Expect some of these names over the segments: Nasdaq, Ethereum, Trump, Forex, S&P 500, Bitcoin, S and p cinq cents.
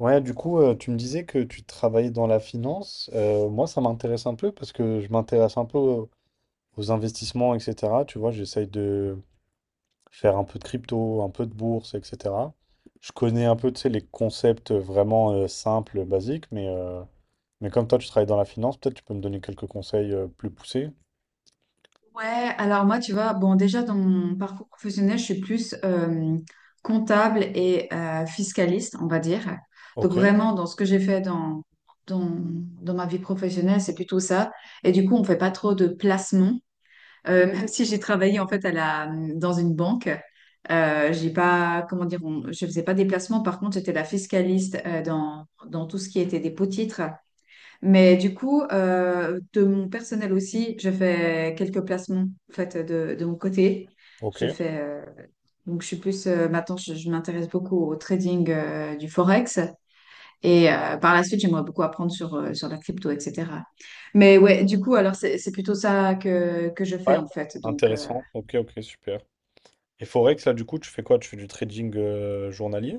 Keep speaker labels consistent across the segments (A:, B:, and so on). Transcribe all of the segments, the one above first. A: Ouais, du coup, tu me disais que tu travaillais dans la finance. Moi, ça m'intéresse un peu parce que je m'intéresse un peu aux investissements, etc. Tu vois, j'essaye de faire un peu de crypto, un peu de bourse, etc. Je connais un peu, tu sais, les concepts vraiment simples, basiques, mais comme toi, tu travailles dans la finance, peut-être tu peux me donner quelques conseils plus poussés.
B: Ouais, alors moi, tu vois, bon, déjà dans mon parcours professionnel, je suis plus comptable et fiscaliste, on va dire. Donc
A: Ok,
B: vraiment, dans ce que j'ai fait dans, dans ma vie professionnelle, c'est plutôt ça. Et du coup, on fait pas trop de placements. Même si j'ai travaillé en fait dans une banque, j'ai pas, comment dire, je faisais pas des placements. Par contre, j'étais la fiscaliste dans tout ce qui était des pots-titres. Mais du coup, de mon personnel aussi, je fais quelques placements en fait, de mon côté.
A: ok.
B: Je fais, je suis plus, maintenant, je m'intéresse beaucoup au trading du Forex. Et par la suite, j'aimerais beaucoup apprendre sur, sur la crypto, etc. Mais ouais, du coup, alors, c'est plutôt ça que je fais,
A: Ouais,
B: en fait. Donc,
A: intéressant. Ok, ok, super. Et Forex, là, du coup, tu fais quoi? Tu fais du trading journalier?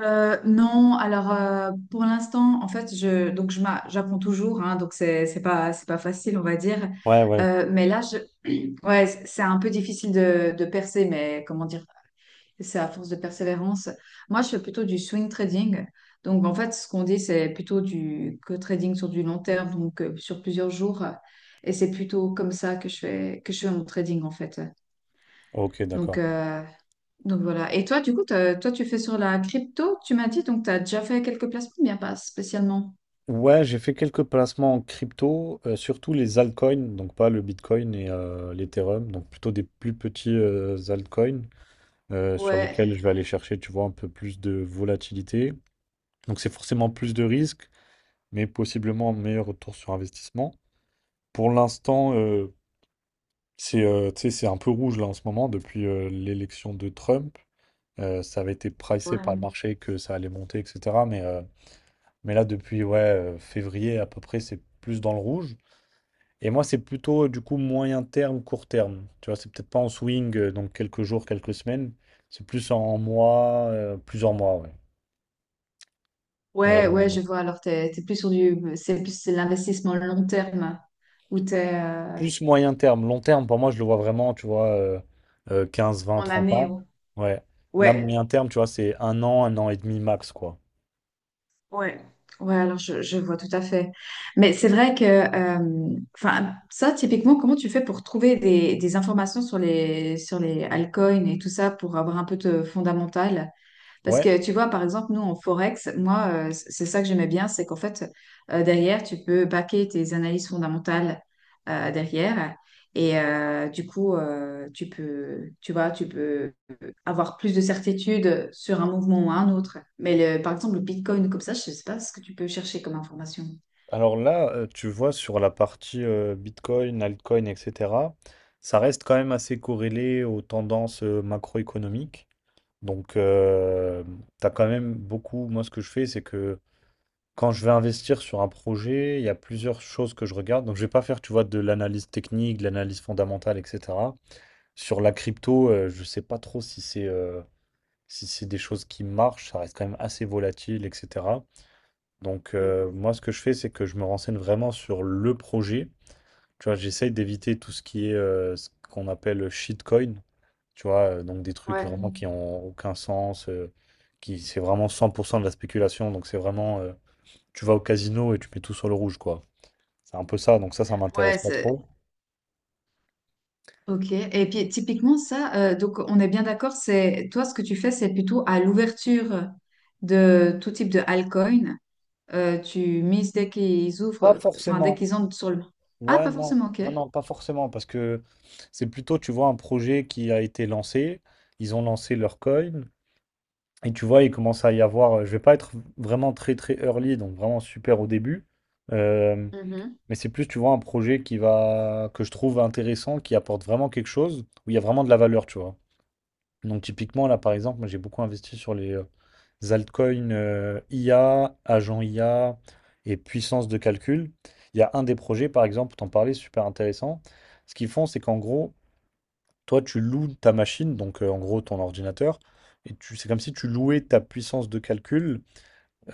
B: non, alors, pour l'instant, en fait, donc, j'apprends toujours, hein. Donc, c'est pas facile, on va dire.
A: Ouais, ouais.
B: Mais là, ouais, c'est un peu difficile de percer, mais comment dire, c'est à force de persévérance. Moi, je fais plutôt du swing trading. Donc, en fait, ce qu'on dit, c'est plutôt du co-trading sur du long terme, donc sur plusieurs jours. Et c'est plutôt comme ça que je fais mon trading, en fait.
A: Ok,
B: Donc,
A: d'accord.
B: euh, donc voilà. Et toi, du coup, toi, tu fais sur la crypto, tu m'as dit, donc tu as déjà fait quelques placements, bien pas spécialement.
A: Ouais, j'ai fait quelques placements en crypto, surtout les altcoins, donc pas le Bitcoin et l'Ethereum, donc plutôt des plus petits altcoins sur
B: Ouais,
A: lesquels je vais aller chercher, tu vois, un peu plus de volatilité. Donc c'est forcément plus de risques, mais possiblement un meilleur retour sur investissement. Pour l'instant, c'est tu sais, c'est un peu rouge là en ce moment depuis l'élection de Trump. Ça avait été pricé par le
B: ouais.
A: marché que ça allait monter, etc. Mais là, depuis ouais, février à peu près, c'est plus dans le rouge. Et moi, c'est plutôt du coup moyen terme, court terme. Tu vois, c'est peut-être pas en swing, donc quelques jours, quelques semaines. C'est plus en mois, plusieurs mois, ouais. Euh,
B: Ouais, ouais, je vois. Alors, t'es plus sur du, c'est plus, c'est l'investissement long terme où
A: plus moyen terme. Long terme, pour moi, je le vois vraiment, tu vois, 15, 20,
B: En
A: 30
B: année,
A: ans.
B: ouais.
A: Ouais. Là,
B: Ouais,
A: moyen terme, tu vois, c'est un an et demi max, quoi.
B: ouais, ouais, alors je vois tout à fait. Mais c'est vrai que, enfin, ça, typiquement, comment tu fais pour trouver des informations sur les altcoins et tout ça pour avoir un peu de fondamental? Parce
A: Ouais.
B: que tu vois, par exemple, nous en Forex, moi, c'est ça que j'aimais bien, c'est qu'en fait, derrière, tu peux baquer tes analyses fondamentales derrière. Et du coup, tu vois, tu peux avoir plus de certitude sur un mouvement ou un autre. Mais par exemple, le Bitcoin, comme ça, je ne sais pas ce que tu peux chercher comme information.
A: Alors là, tu vois, sur la partie Bitcoin, altcoin, etc., ça reste quand même assez corrélé aux tendances macroéconomiques. Donc, t'as quand même beaucoup. Moi, ce que je fais, c'est que quand je vais investir sur un projet, il y a plusieurs choses que je regarde. Donc, je vais pas faire, tu vois, de l'analyse technique, de l'analyse fondamentale, etc. Sur la crypto, je sais pas trop si c'est si c'est des choses qui marchent. Ça reste quand même assez volatile, etc. Donc,
B: Mm.
A: moi, ce que je fais, c'est que je me renseigne vraiment sur le projet. Tu vois, j'essaye d'éviter tout ce qui est ce qu'on appelle shitcoin. Tu vois, donc des trucs
B: Ouais.
A: vraiment qui ont aucun sens, qui c'est vraiment 100% de la spéculation. Donc c'est vraiment, tu vas au casino et tu mets tout sur le rouge, quoi. C'est un peu ça. Donc ça
B: Ouais,
A: m'intéresse pas trop.
B: Ok. Et puis, typiquement, ça, donc, on est bien d'accord, c'est toi, ce que tu fais, c'est plutôt à l'ouverture de tout type de altcoin. Tu mises dès qu'ils
A: Pas
B: ouvrent, enfin dès
A: forcément.
B: qu'ils entrent sur le. Ah,
A: Ouais,
B: pas
A: non,
B: forcément, ok.
A: non, non, pas forcément, parce que c'est plutôt, tu vois, un projet qui a été lancé. Ils ont lancé leur coin et tu vois, il commence à y avoir. Je vais pas être vraiment très très early, donc vraiment super au début. Euh,
B: Mhm.
A: Mais c'est plus, tu vois, un projet qui va que je trouve intéressant, qui apporte vraiment quelque chose, où il y a vraiment de la valeur, tu vois. Donc typiquement, là, par exemple, moi j'ai beaucoup investi sur les altcoins IA, agent IA et puissance de calcul. Il y a un des projets, par exemple, t'en parlais, super intéressant. Ce qu'ils font, c'est qu'en gros, toi, tu loues ta machine, donc en gros ton ordinateur, et c'est comme si tu louais ta puissance de calcul,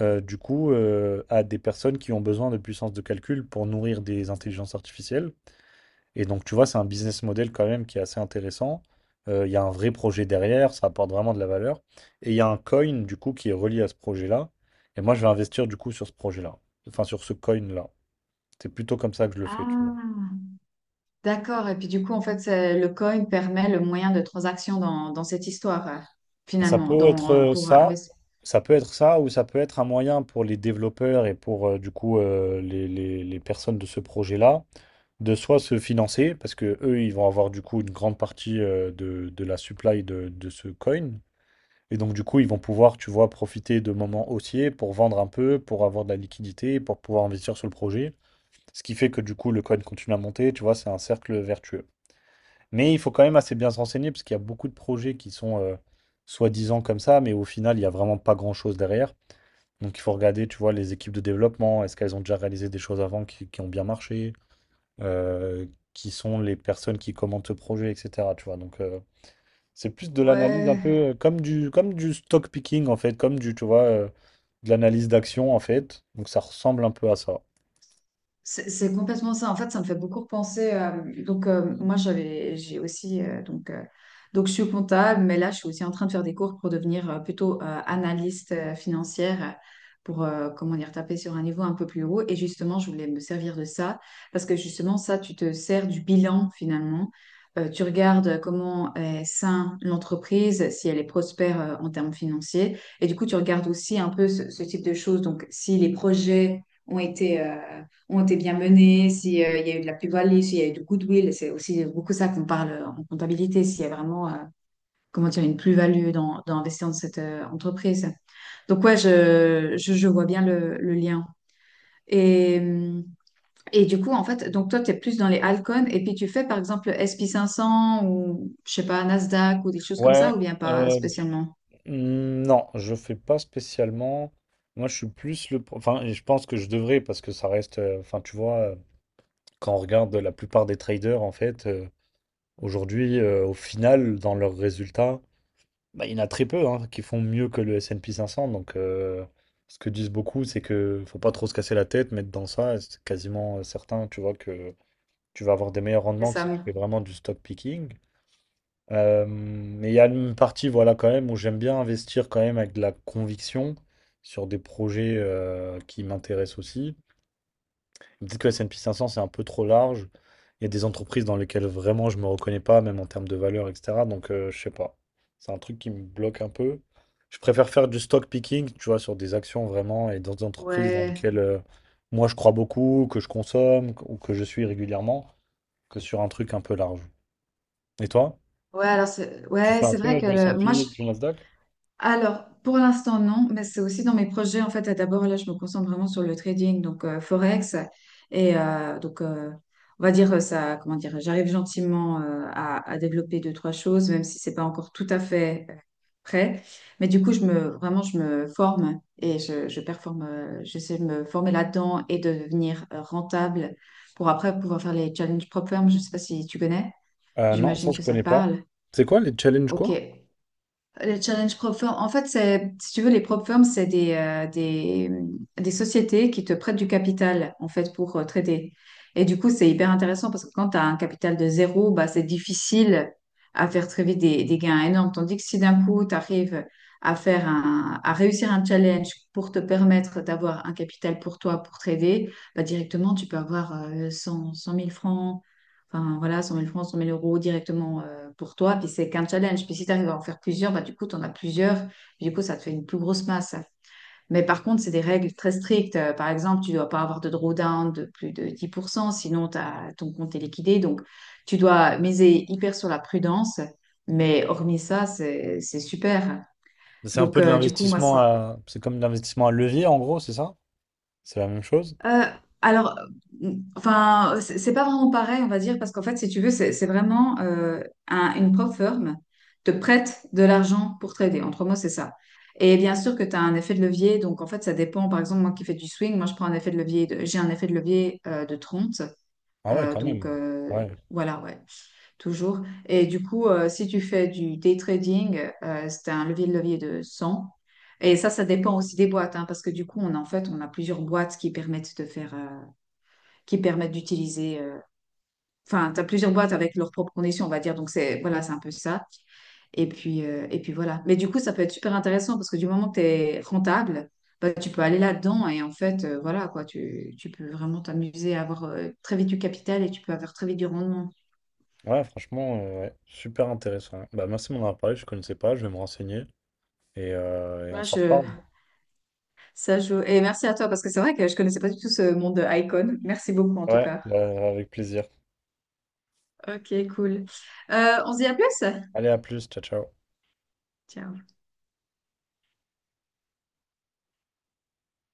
A: à des personnes qui ont besoin de puissance de calcul pour nourrir des intelligences artificielles. Et donc, tu vois, c'est un business model quand même qui est assez intéressant. Il y a un vrai projet derrière, ça apporte vraiment de la valeur. Et il y a un coin, du coup, qui est relié à ce projet-là. Et moi, je vais investir, du coup, sur ce projet-là. Enfin, sur ce coin-là. C'est plutôt comme ça que je le fais, tu vois.
B: Ah, d'accord. Et puis du coup, en fait, le coin permet le moyen de transaction dans cette histoire,
A: Ça
B: finalement,
A: peut être
B: pour investir.
A: ça peut être ça, ou ça peut être un moyen pour les développeurs et pour, les personnes de ce projet-là de soit se financer, parce que eux, ils vont avoir, du coup, une grande partie de la supply de ce coin. Et donc, du coup, ils vont pouvoir, tu vois, profiter de moments haussiers pour vendre un peu, pour avoir de la liquidité, pour pouvoir investir sur le projet. Ce qui fait que, du coup, le coin continue à monter, tu vois, c'est un cercle vertueux. Mais il faut quand même assez bien se renseigner parce qu'il y a beaucoup de projets qui sont soi-disant comme ça, mais au final, il n'y a vraiment pas grand-chose derrière. Donc, il faut regarder, tu vois, les équipes de développement, est-ce qu'elles ont déjà réalisé des choses avant qui ont bien marché, Euh, qui sont les personnes qui commentent ce projet, etc. Tu vois, donc c'est plus de l'analyse un
B: Ouais.
A: peu comme du stock picking en fait, comme du, tu vois, de l'analyse d'action en fait. Donc ça ressemble un peu à ça.
B: C'est complètement ça. En fait, ça me fait beaucoup repenser. Moi, j'ai aussi. Donc, je suis comptable, mais là, je suis aussi en train de faire des cours pour devenir plutôt analyste financière, pour, comment dire, taper sur un niveau un peu plus haut. Et justement, je voulais me servir de ça, parce que justement, ça, tu te sers du bilan, finalement. Tu regardes comment est sain l'entreprise, si elle est prospère en termes financiers. Et du coup, tu regardes aussi un peu ce type de choses. Donc, si les projets ont été bien menées, s'il y a eu de la plus-value, s'il y a eu du goodwill. C'est aussi beaucoup ça qu'on parle en comptabilité, s'il y a vraiment comment dire, une plus-value dans investir dans cette entreprise. Donc ouais, je vois bien le lien. Et, euh, et du coup, en fait, donc toi, tu es plus dans les altcoins et puis tu fais par exemple S&P 500 ou je sais pas, Nasdaq ou des choses comme ça
A: Ouais,
B: ou bien pas
A: euh,
B: spécialement?
A: non, je fais pas spécialement. Moi, je suis plus enfin, et je pense que je devrais parce que ça reste. Enfin, tu vois, quand on regarde la plupart des traders en fait, aujourd'hui, au final, dans leurs résultats, bah, il y en a très peu hein, qui font mieux que le S&P 500. Donc, ce que disent beaucoup, c'est que faut pas trop se casser la tête, mettre dans ça. Et c'est quasiment certain, tu vois, que tu vas avoir des meilleurs
B: Les
A: rendements que si tu
B: sommes.
A: fais vraiment du stock picking. Mais il y a une partie, voilà, quand même, où j'aime bien investir quand même avec de la conviction sur des projets qui m'intéressent aussi. Peut-être que le S&P 500, c'est un peu trop large. Il y a des entreprises dans lesquelles vraiment je me reconnais pas, même en termes de valeur, etc. Donc, je sais pas. C'est un truc qui me bloque un peu. Je préfère faire du stock picking, tu vois, sur des actions vraiment et dans des entreprises dans
B: Ouais,
A: lesquelles moi je crois beaucoup, que je consomme ou que je suis régulièrement, que sur un truc un peu large. Et toi?
B: ouais, alors c'est
A: Tu
B: ouais,
A: fais un
B: c'est vrai
A: peu
B: que
A: du
B: moi, je.
A: S&P, du Nasdaq?
B: Alors, pour l'instant, non, mais c'est aussi dans mes projets. En fait, d'abord, là, je me concentre vraiment sur le trading, donc Forex. Et on va dire ça, comment dire, j'arrive gentiment à développer deux, trois choses, même si c'est pas encore tout à fait prêt. Mais du coup, vraiment, je me forme et je performe, j'essaie de me former là-dedans et de devenir rentable pour après pouvoir faire les challenges propres. Je sais pas si tu connais.
A: Non, ça
B: J'imagine
A: je
B: que ça
A: connais
B: te
A: pas.
B: parle.
A: C'est quoi les challenges
B: Ok.
A: quoi?
B: Les challenges prop firm, en fait, c'est, si tu veux, les prop firms, des sociétés qui te prêtent du capital, en fait, pour trader. Et du coup, c'est hyper intéressant parce que quand tu as un capital de 0, bah, c'est difficile à faire très vite des gains énormes. Tandis que si d'un coup, tu arrives à réussir un challenge pour te permettre d'avoir un capital pour toi, pour trader, bah, directement, tu peux avoir 100, 100 000 francs. Enfin, voilà, 100 000 francs, 100 000 euros directement pour toi. Puis c'est qu'un challenge. Puis si tu arrives à en faire plusieurs, bah, du coup, tu en as plusieurs. Puis du coup, ça te fait une plus grosse masse. Mais par contre, c'est des règles très strictes. Par exemple, tu ne dois pas avoir de drawdown de plus de 10%, sinon ton compte est liquidé. Donc, tu dois miser hyper sur la prudence. Mais hormis ça, c'est super.
A: C'est un
B: Donc,
A: peu de
B: du coup, moi,
A: l'investissement
B: c'est.
A: à... C'est comme de l'investissement à levier en gros, c'est ça? C'est la même chose?
B: Euh, alors, euh, enfin, c'est pas vraiment pareil, on va dire, parce qu'en fait, si tu veux, c'est vraiment une prop firm te prête de l'argent pour trader. Entre mots, c'est ça. Et bien sûr que tu as un effet de levier, donc en fait, ça dépend. Par exemple, moi qui fais du swing, moi je prends un effet de levier, j'ai un effet de levier de 30.
A: Ah ouais,
B: euh,
A: quand
B: donc
A: même.
B: euh,
A: Ouais,
B: voilà, ouais, toujours. Et du coup, si tu fais du day trading, c'est un levier de 100. Et ça dépend aussi des boîtes, hein, parce que du coup, en fait, on a plusieurs boîtes qui permettent de faire. Qui permettent d'utiliser. Enfin, tu as plusieurs boîtes avec leurs propres conditions, on va dire. Donc, c'est voilà, c'est un peu ça. Et puis voilà. Mais du coup, ça peut être super intéressant parce que du moment que tu es rentable, bah, tu peux aller là-dedans et en fait, voilà, quoi, tu peux vraiment t'amuser à avoir très vite du capital et tu peux avoir très vite du rendement.
A: ouais, franchement, ouais. Super intéressant. Bah merci de m'en avoir parlé, je connaissais pas, je vais me renseigner et on
B: Moi,
A: s'en
B: je,
A: reparle.
B: ça joue. Et merci à toi parce que c'est vrai que je connaissais pas du tout ce monde de Icon. Merci beaucoup en tout
A: Ouais,
B: cas.
A: bah, avec plaisir.
B: Ok, cool. On se dit à plus?
A: Allez, à plus, ciao, ciao.
B: Ciao.